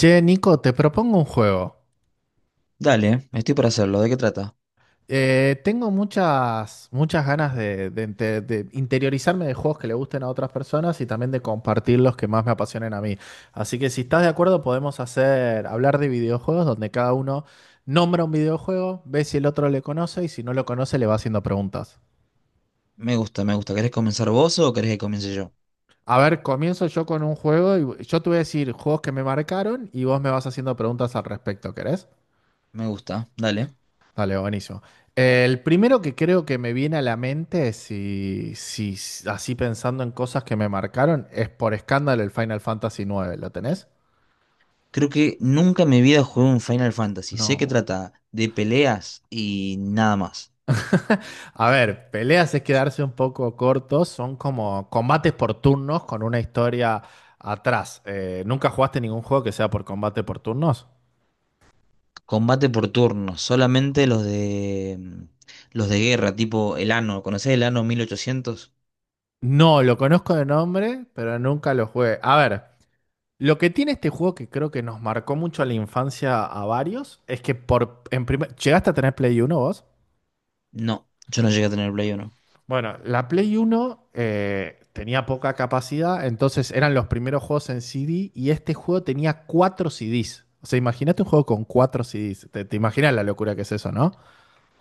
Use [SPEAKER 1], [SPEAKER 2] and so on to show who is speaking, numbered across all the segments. [SPEAKER 1] Che, Nico, te propongo un juego.
[SPEAKER 2] Dale, estoy para hacerlo. ¿De qué trata?
[SPEAKER 1] Tengo muchas, muchas ganas de interiorizarme de juegos que le gusten a otras personas y también de compartir los que más me apasionen a mí. Así que si estás de acuerdo, podemos hacer hablar de videojuegos donde cada uno nombra un videojuego, ve si el otro le conoce y si no lo conoce le va haciendo preguntas.
[SPEAKER 2] Me gusta, me gusta. ¿Querés comenzar vos o querés que comience yo?
[SPEAKER 1] A ver, comienzo yo con un juego y yo te voy a decir juegos que me marcaron y vos me vas haciendo preguntas al respecto, ¿querés?
[SPEAKER 2] Me gusta, dale.
[SPEAKER 1] Dale, buenísimo. El primero que creo que me viene a la mente, si, si así pensando en cosas que me marcaron, es por escándalo el Final Fantasy nueve. ¿Lo tenés?
[SPEAKER 2] Creo que nunca en mi vida jugué un Final Fantasy. Sé que
[SPEAKER 1] No.
[SPEAKER 2] trata de peleas y nada más.
[SPEAKER 1] A ver, peleas es quedarse un poco cortos, son como combates por turnos con una historia atrás. ¿Nunca jugaste ningún juego que sea por combate por turnos?
[SPEAKER 2] Combate por turnos, solamente los de los de guerra, tipo el Anno. ¿Conocés el ano 1800?
[SPEAKER 1] No, lo conozco de nombre, pero nunca lo jugué. A ver, lo que tiene este juego que creo que nos marcó mucho a la infancia a varios es que por en primer, ¿llegaste a tener Play 1 vos?
[SPEAKER 2] No, yo no llegué a tener Play 1.
[SPEAKER 1] Bueno, la Play 1 tenía poca capacidad, entonces eran los primeros juegos en CD y este juego tenía cuatro CDs. O sea, imagínate un juego con cuatro CDs. Te imaginas la locura que es eso, ¿no?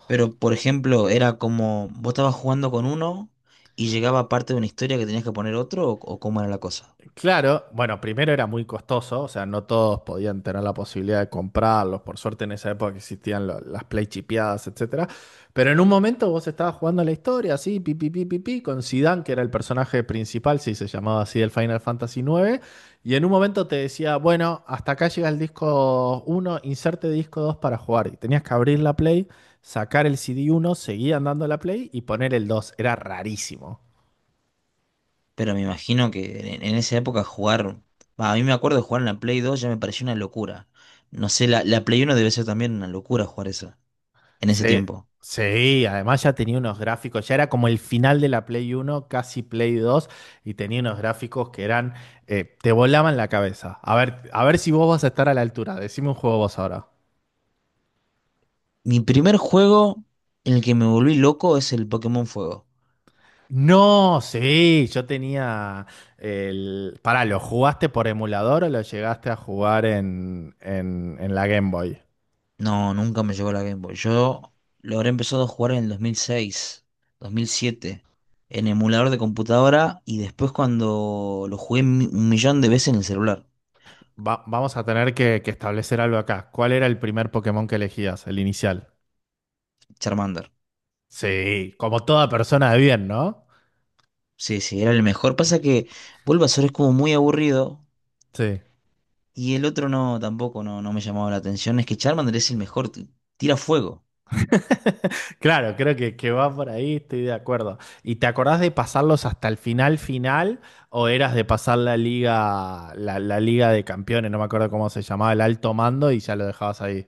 [SPEAKER 2] Pero, por ejemplo, era como vos estabas jugando con uno y llegaba parte de una historia que tenías que poner otro o cómo era la cosa.
[SPEAKER 1] Claro, bueno, primero era muy costoso, o sea, no todos podían tener la posibilidad de comprarlos. Por suerte en esa época existían las play chipeadas, etcétera. Pero en un momento vos estabas jugando la historia, así, pi, pi, pi, pi, pi, con Zidane, que era el personaje principal, sí, se llamaba así el Final Fantasy IX, y en un momento te decía, bueno, hasta acá llega el disco uno, inserte disco 2 para jugar. Y tenías que abrir la play, sacar el CD uno, seguir andando la play y poner el dos. Era rarísimo.
[SPEAKER 2] Pero me imagino que en esa época jugar. Bah, a mí me acuerdo de jugar en la Play 2 ya me pareció una locura. No sé, la Play 1 debe ser también una locura jugar esa en ese
[SPEAKER 1] Sí,
[SPEAKER 2] tiempo.
[SPEAKER 1] sí, además ya tenía unos gráficos, ya era como el final de la Play uno, casi Play 2, y tenía unos gráficos que eran, te volaban la cabeza. A ver si vos vas a estar a la altura, decime un juego vos ahora.
[SPEAKER 2] Mi primer juego en el que me volví loco es el Pokémon Fuego.
[SPEAKER 1] No, sí, yo tenía el... Pará, ¿lo jugaste por emulador o lo llegaste a jugar en, en la Game Boy?
[SPEAKER 2] No, nunca me llegó la Game Boy. Yo lo habré empezado a jugar en el 2006, 2007 en emulador de computadora y después cuando lo jugué un millón de veces en el celular.
[SPEAKER 1] Vamos a tener que establecer algo acá. ¿Cuál era el primer Pokémon que elegías, el inicial?
[SPEAKER 2] Charmander.
[SPEAKER 1] Sí, como toda persona de bien, ¿no?
[SPEAKER 2] Sí, sí, era el mejor. Pasa que Bulbasaur es como muy aburrido.
[SPEAKER 1] Sí.
[SPEAKER 2] Y el otro no, tampoco no me llamaba la atención. Es que Charmander es el mejor. Tira fuego.
[SPEAKER 1] Claro, creo que va por ahí, estoy de acuerdo. ¿Y te acordás de pasarlos hasta el final final o eras de pasar la liga, la liga de campeones, no me acuerdo cómo se llamaba, el alto mando y ya lo dejabas ahí?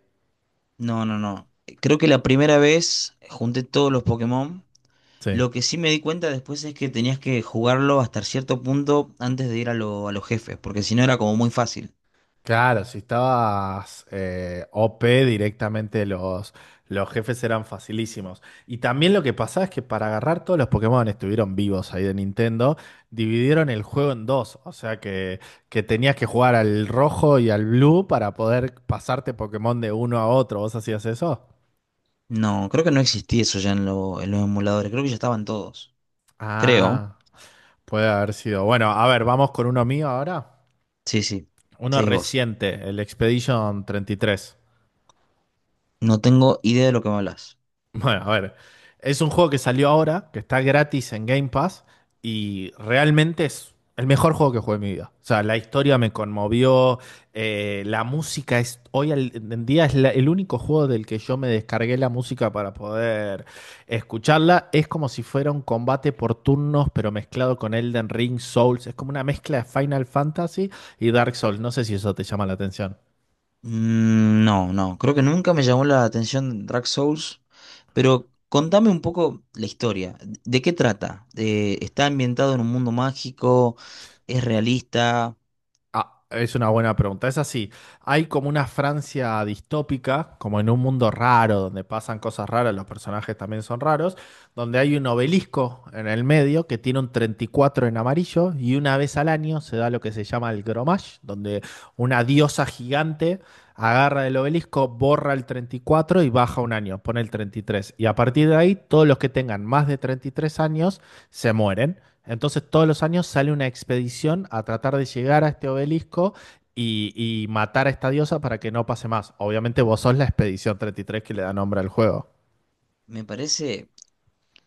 [SPEAKER 2] No, no, no. Creo que la primera vez junté todos los Pokémon.
[SPEAKER 1] Sí.
[SPEAKER 2] Lo que sí me di cuenta después es que tenías que jugarlo hasta cierto punto antes de ir a los jefes, porque si no era como muy fácil.
[SPEAKER 1] Claro, si estabas OP directamente los jefes eran facilísimos. Y también lo que pasaba es que para agarrar todos los Pokémon estuvieron vivos ahí de Nintendo, dividieron el juego en dos. O sea que tenías que jugar al rojo y al blue para poder pasarte Pokémon de uno a otro. ¿Vos hacías eso?
[SPEAKER 2] No, creo que no existía eso ya en los emuladores. Creo que ya estaban todos. Creo.
[SPEAKER 1] Ah, puede haber sido. Bueno, a ver, vamos con uno mío ahora.
[SPEAKER 2] Sí, sí.
[SPEAKER 1] Uno
[SPEAKER 2] Seguís vos.
[SPEAKER 1] reciente, el Expedition 33.
[SPEAKER 2] No tengo idea de lo que me hablas.
[SPEAKER 1] Bueno, a ver, es un juego que salió ahora, que está gratis en Game Pass y realmente es el mejor juego que jugué en mi vida. O sea, la historia me conmovió, la música es, hoy en día es el único juego del que yo me descargué la música para poder escucharla. Es como si fuera un combate por turnos, pero mezclado con Elden Ring, Souls. Es como una mezcla de Final Fantasy y Dark Souls. No sé si eso te llama la atención.
[SPEAKER 2] No, no, creo que nunca me llamó la atención Dark Souls, pero contame un poco la historia. ¿De qué trata? ¿Está ambientado en un mundo mágico? ¿Es realista?
[SPEAKER 1] Ah, es una buena pregunta. Es así. Hay como una Francia distópica, como en un mundo raro, donde pasan cosas raras, los personajes también son raros, donde hay un obelisco en el medio que tiene un 34 en amarillo y una vez al año se da lo que se llama el Gromash, donde una diosa gigante agarra el obelisco, borra el 34 y baja un año, pone el treinta y tres y a partir de ahí, todos los que tengan más de 33 años se mueren. Entonces todos los años sale una expedición a tratar de llegar a este obelisco y matar a esta diosa para que no pase más. Obviamente vos sos la expedición 33 que le da nombre al juego.
[SPEAKER 2] Me parece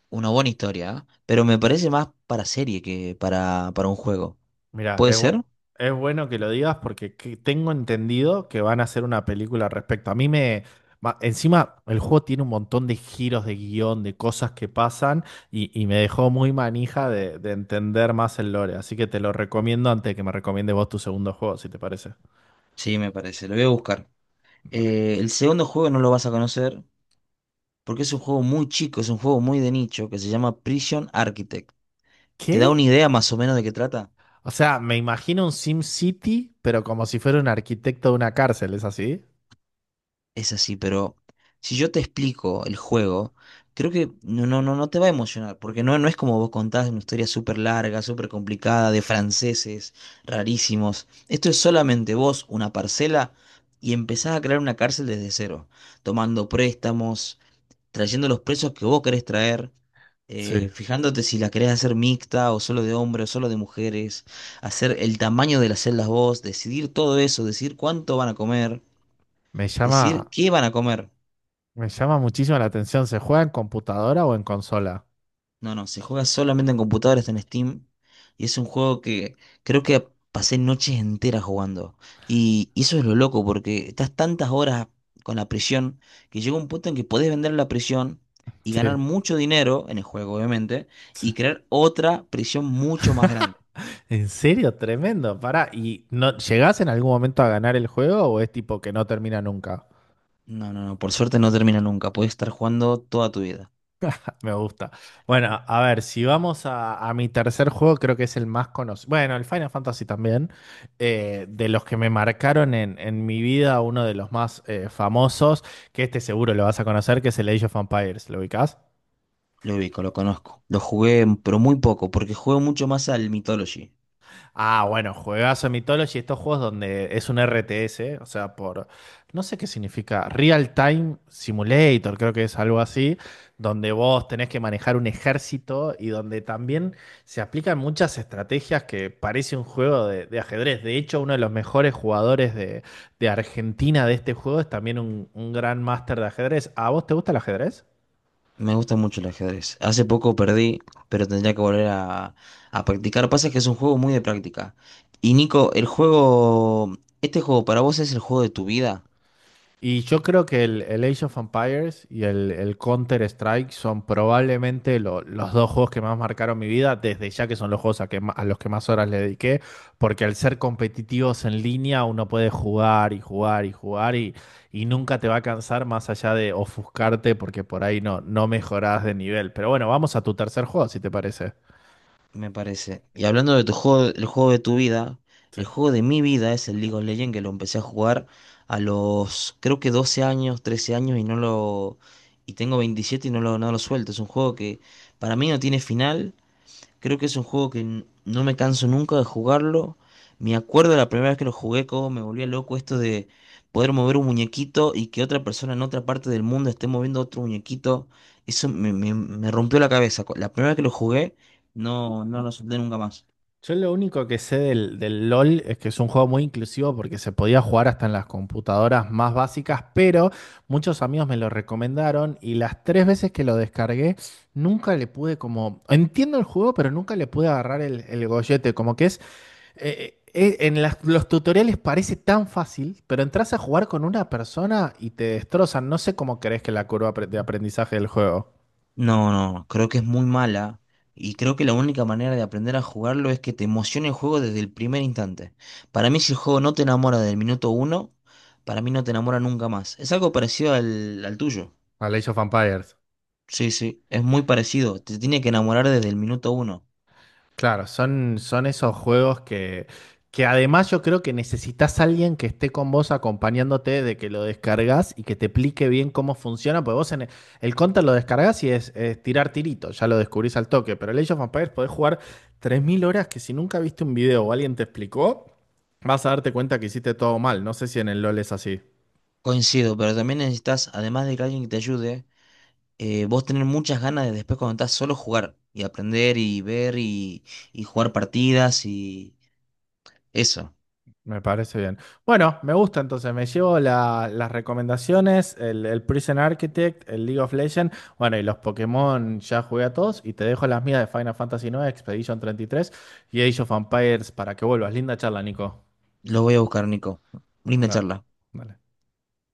[SPEAKER 2] una buena historia, ¿eh? Pero me parece más para serie que para un juego.
[SPEAKER 1] Mira,
[SPEAKER 2] ¿Puede ser?
[SPEAKER 1] es bueno que lo digas porque tengo entendido que van a hacer una película al respecto. A mí me... Encima, el juego tiene un montón de giros de guión, de cosas que pasan y me dejó muy manija de entender más el lore. Así que te lo recomiendo antes de que me recomiende vos tu segundo juego, si te parece.
[SPEAKER 2] Sí, me parece, lo voy a buscar.
[SPEAKER 1] Dale.
[SPEAKER 2] El segundo juego no lo vas a conocer porque es un juego muy chico, es un juego muy de nicho que se llama Prison Architect. ¿Te da
[SPEAKER 1] ¿Qué?
[SPEAKER 2] una idea más o menos de qué trata?
[SPEAKER 1] O sea, me imagino un SimCity, pero como si fuera un arquitecto de una cárcel, ¿es así?
[SPEAKER 2] Es así, pero si yo te explico el juego, creo que no, no te va a emocionar, porque no es como vos contás una historia súper larga, súper complicada, de franceses rarísimos. Esto es solamente vos, una parcela, y empezás a crear una cárcel desde cero, tomando préstamos, trayendo los presos que vos querés traer,
[SPEAKER 1] Sí.
[SPEAKER 2] fijándote si la querés hacer mixta o solo de hombres o solo de mujeres, hacer el tamaño de las celdas vos, decidir todo eso, decidir cuánto van a comer,
[SPEAKER 1] Me llama,
[SPEAKER 2] decidir qué van a comer.
[SPEAKER 1] me llama muchísimo la atención. ¿Se juega en computadora o en consola?
[SPEAKER 2] No, no, se juega solamente en computadoras, en Steam. Y es un juego que creo que pasé noches enteras jugando. Y eso es lo loco, porque estás tantas horas con la prisión que llega un punto en que podés vender la prisión y
[SPEAKER 1] Sí,
[SPEAKER 2] ganar mucho dinero en el juego, obviamente,
[SPEAKER 1] sí.
[SPEAKER 2] y crear otra prisión mucho más grande.
[SPEAKER 1] En serio, tremendo. Pará, ¿y no llegás en algún momento a ganar el juego o es tipo que no termina nunca?
[SPEAKER 2] No, no, no, por suerte no termina nunca. Podés estar jugando toda tu vida.
[SPEAKER 1] Me gusta. Bueno, a ver, si vamos a mi tercer juego, creo que es el más conocido. Bueno, el Final Fantasy también. De los que me marcaron en, mi vida, uno de los más famosos, que este seguro lo vas a conocer, que es el Age of Empires. ¿Lo ubicás?
[SPEAKER 2] Lo ubico, lo conozco. Lo jugué, pero muy poco, porque juego mucho más al Mythology.
[SPEAKER 1] Ah, bueno, juegazo Mythology, estos juegos donde es un RTS, o sea, por, no sé qué significa, Real Time Simulator, creo que es algo así, donde vos tenés que manejar un ejército y donde también se aplican muchas estrategias que parece un juego de ajedrez. De hecho, uno de los mejores jugadores de Argentina de este juego es también un gran máster de ajedrez. ¿A vos te gusta el ajedrez?
[SPEAKER 2] Me gusta mucho el ajedrez. Hace poco perdí, pero tendría que volver a practicar. Pasa que es un juego muy de práctica. Y Nico, el juego, este juego para vos es el juego de tu vida,
[SPEAKER 1] Y yo creo que el Age of Empires y el Counter-Strike son probablemente los dos juegos que más marcaron mi vida, desde ya que son los juegos a los que más horas le dediqué, porque al ser competitivos en línea uno puede jugar y jugar y jugar y nunca te va a cansar más allá de ofuscarte porque por ahí no, no mejorás de nivel. Pero bueno, vamos a tu tercer juego, si te parece.
[SPEAKER 2] me parece. Y hablando de tu juego, el juego de tu vida, el juego de mi vida es el League of Legends que lo empecé a jugar a los, creo que 12 años, 13 años y no lo, y tengo 27 y no lo suelto. Es un juego que para mí no tiene final. Creo que es un juego que no me canso nunca de jugarlo. Me acuerdo de la primera vez que lo jugué, cómo me volvía loco esto de poder mover un muñequito y que otra persona en otra parte del mundo esté moviendo otro muñequito. Eso me rompió la cabeza. La primera vez que lo jugué, no, no lo solté nunca más.
[SPEAKER 1] Yo lo único que sé del LOL es que es un juego muy inclusivo porque se podía jugar hasta en las computadoras más básicas, pero muchos amigos me lo recomendaron y las tres veces que lo descargué nunca le pude como... Entiendo el juego, pero nunca le pude agarrar el gollete, como que es... los tutoriales parece tan fácil, pero entras a jugar con una persona y te destrozan. No sé cómo crees que la curva de aprendizaje del juego.
[SPEAKER 2] No, no, no, creo que es muy mala. Y creo que la única manera de aprender a jugarlo es que te emocione el juego desde el primer instante. Para mí, si el juego no te enamora del minuto uno, para mí no te enamora nunca más. Es algo parecido al tuyo.
[SPEAKER 1] A Age of Empires.
[SPEAKER 2] Sí, sí, es muy parecido. Te tiene que enamorar desde el minuto uno.
[SPEAKER 1] Claro, son esos juegos que además yo creo que necesitas alguien que esté con vos acompañándote de que lo descargas y que te explique bien cómo funciona, porque vos en el Counter lo descargas y es tirar tirito, ya lo descubrís al toque, pero el Age of Empires podés jugar 3.000 horas que si nunca viste un video o alguien te explicó, vas a darte cuenta que hiciste todo mal. No sé si en el LoL es así.
[SPEAKER 2] Coincido, pero también necesitas, además de que alguien que te ayude, vos tener muchas ganas de después cuando estás solo jugar y aprender y ver y jugar partidas y eso.
[SPEAKER 1] Me parece bien. Bueno, me gusta entonces. Me llevo las recomendaciones, el Prison Architect, el League of Legends. Bueno, y los Pokémon ya jugué a todos. Y te dejo las mías de Final Fantasy nueve Expedition 33 y tres y Age of Empires para que vuelvas. Linda charla, Nico.
[SPEAKER 2] Lo voy a buscar, Nico. Linda
[SPEAKER 1] Una-
[SPEAKER 2] charla.
[SPEAKER 1] dale.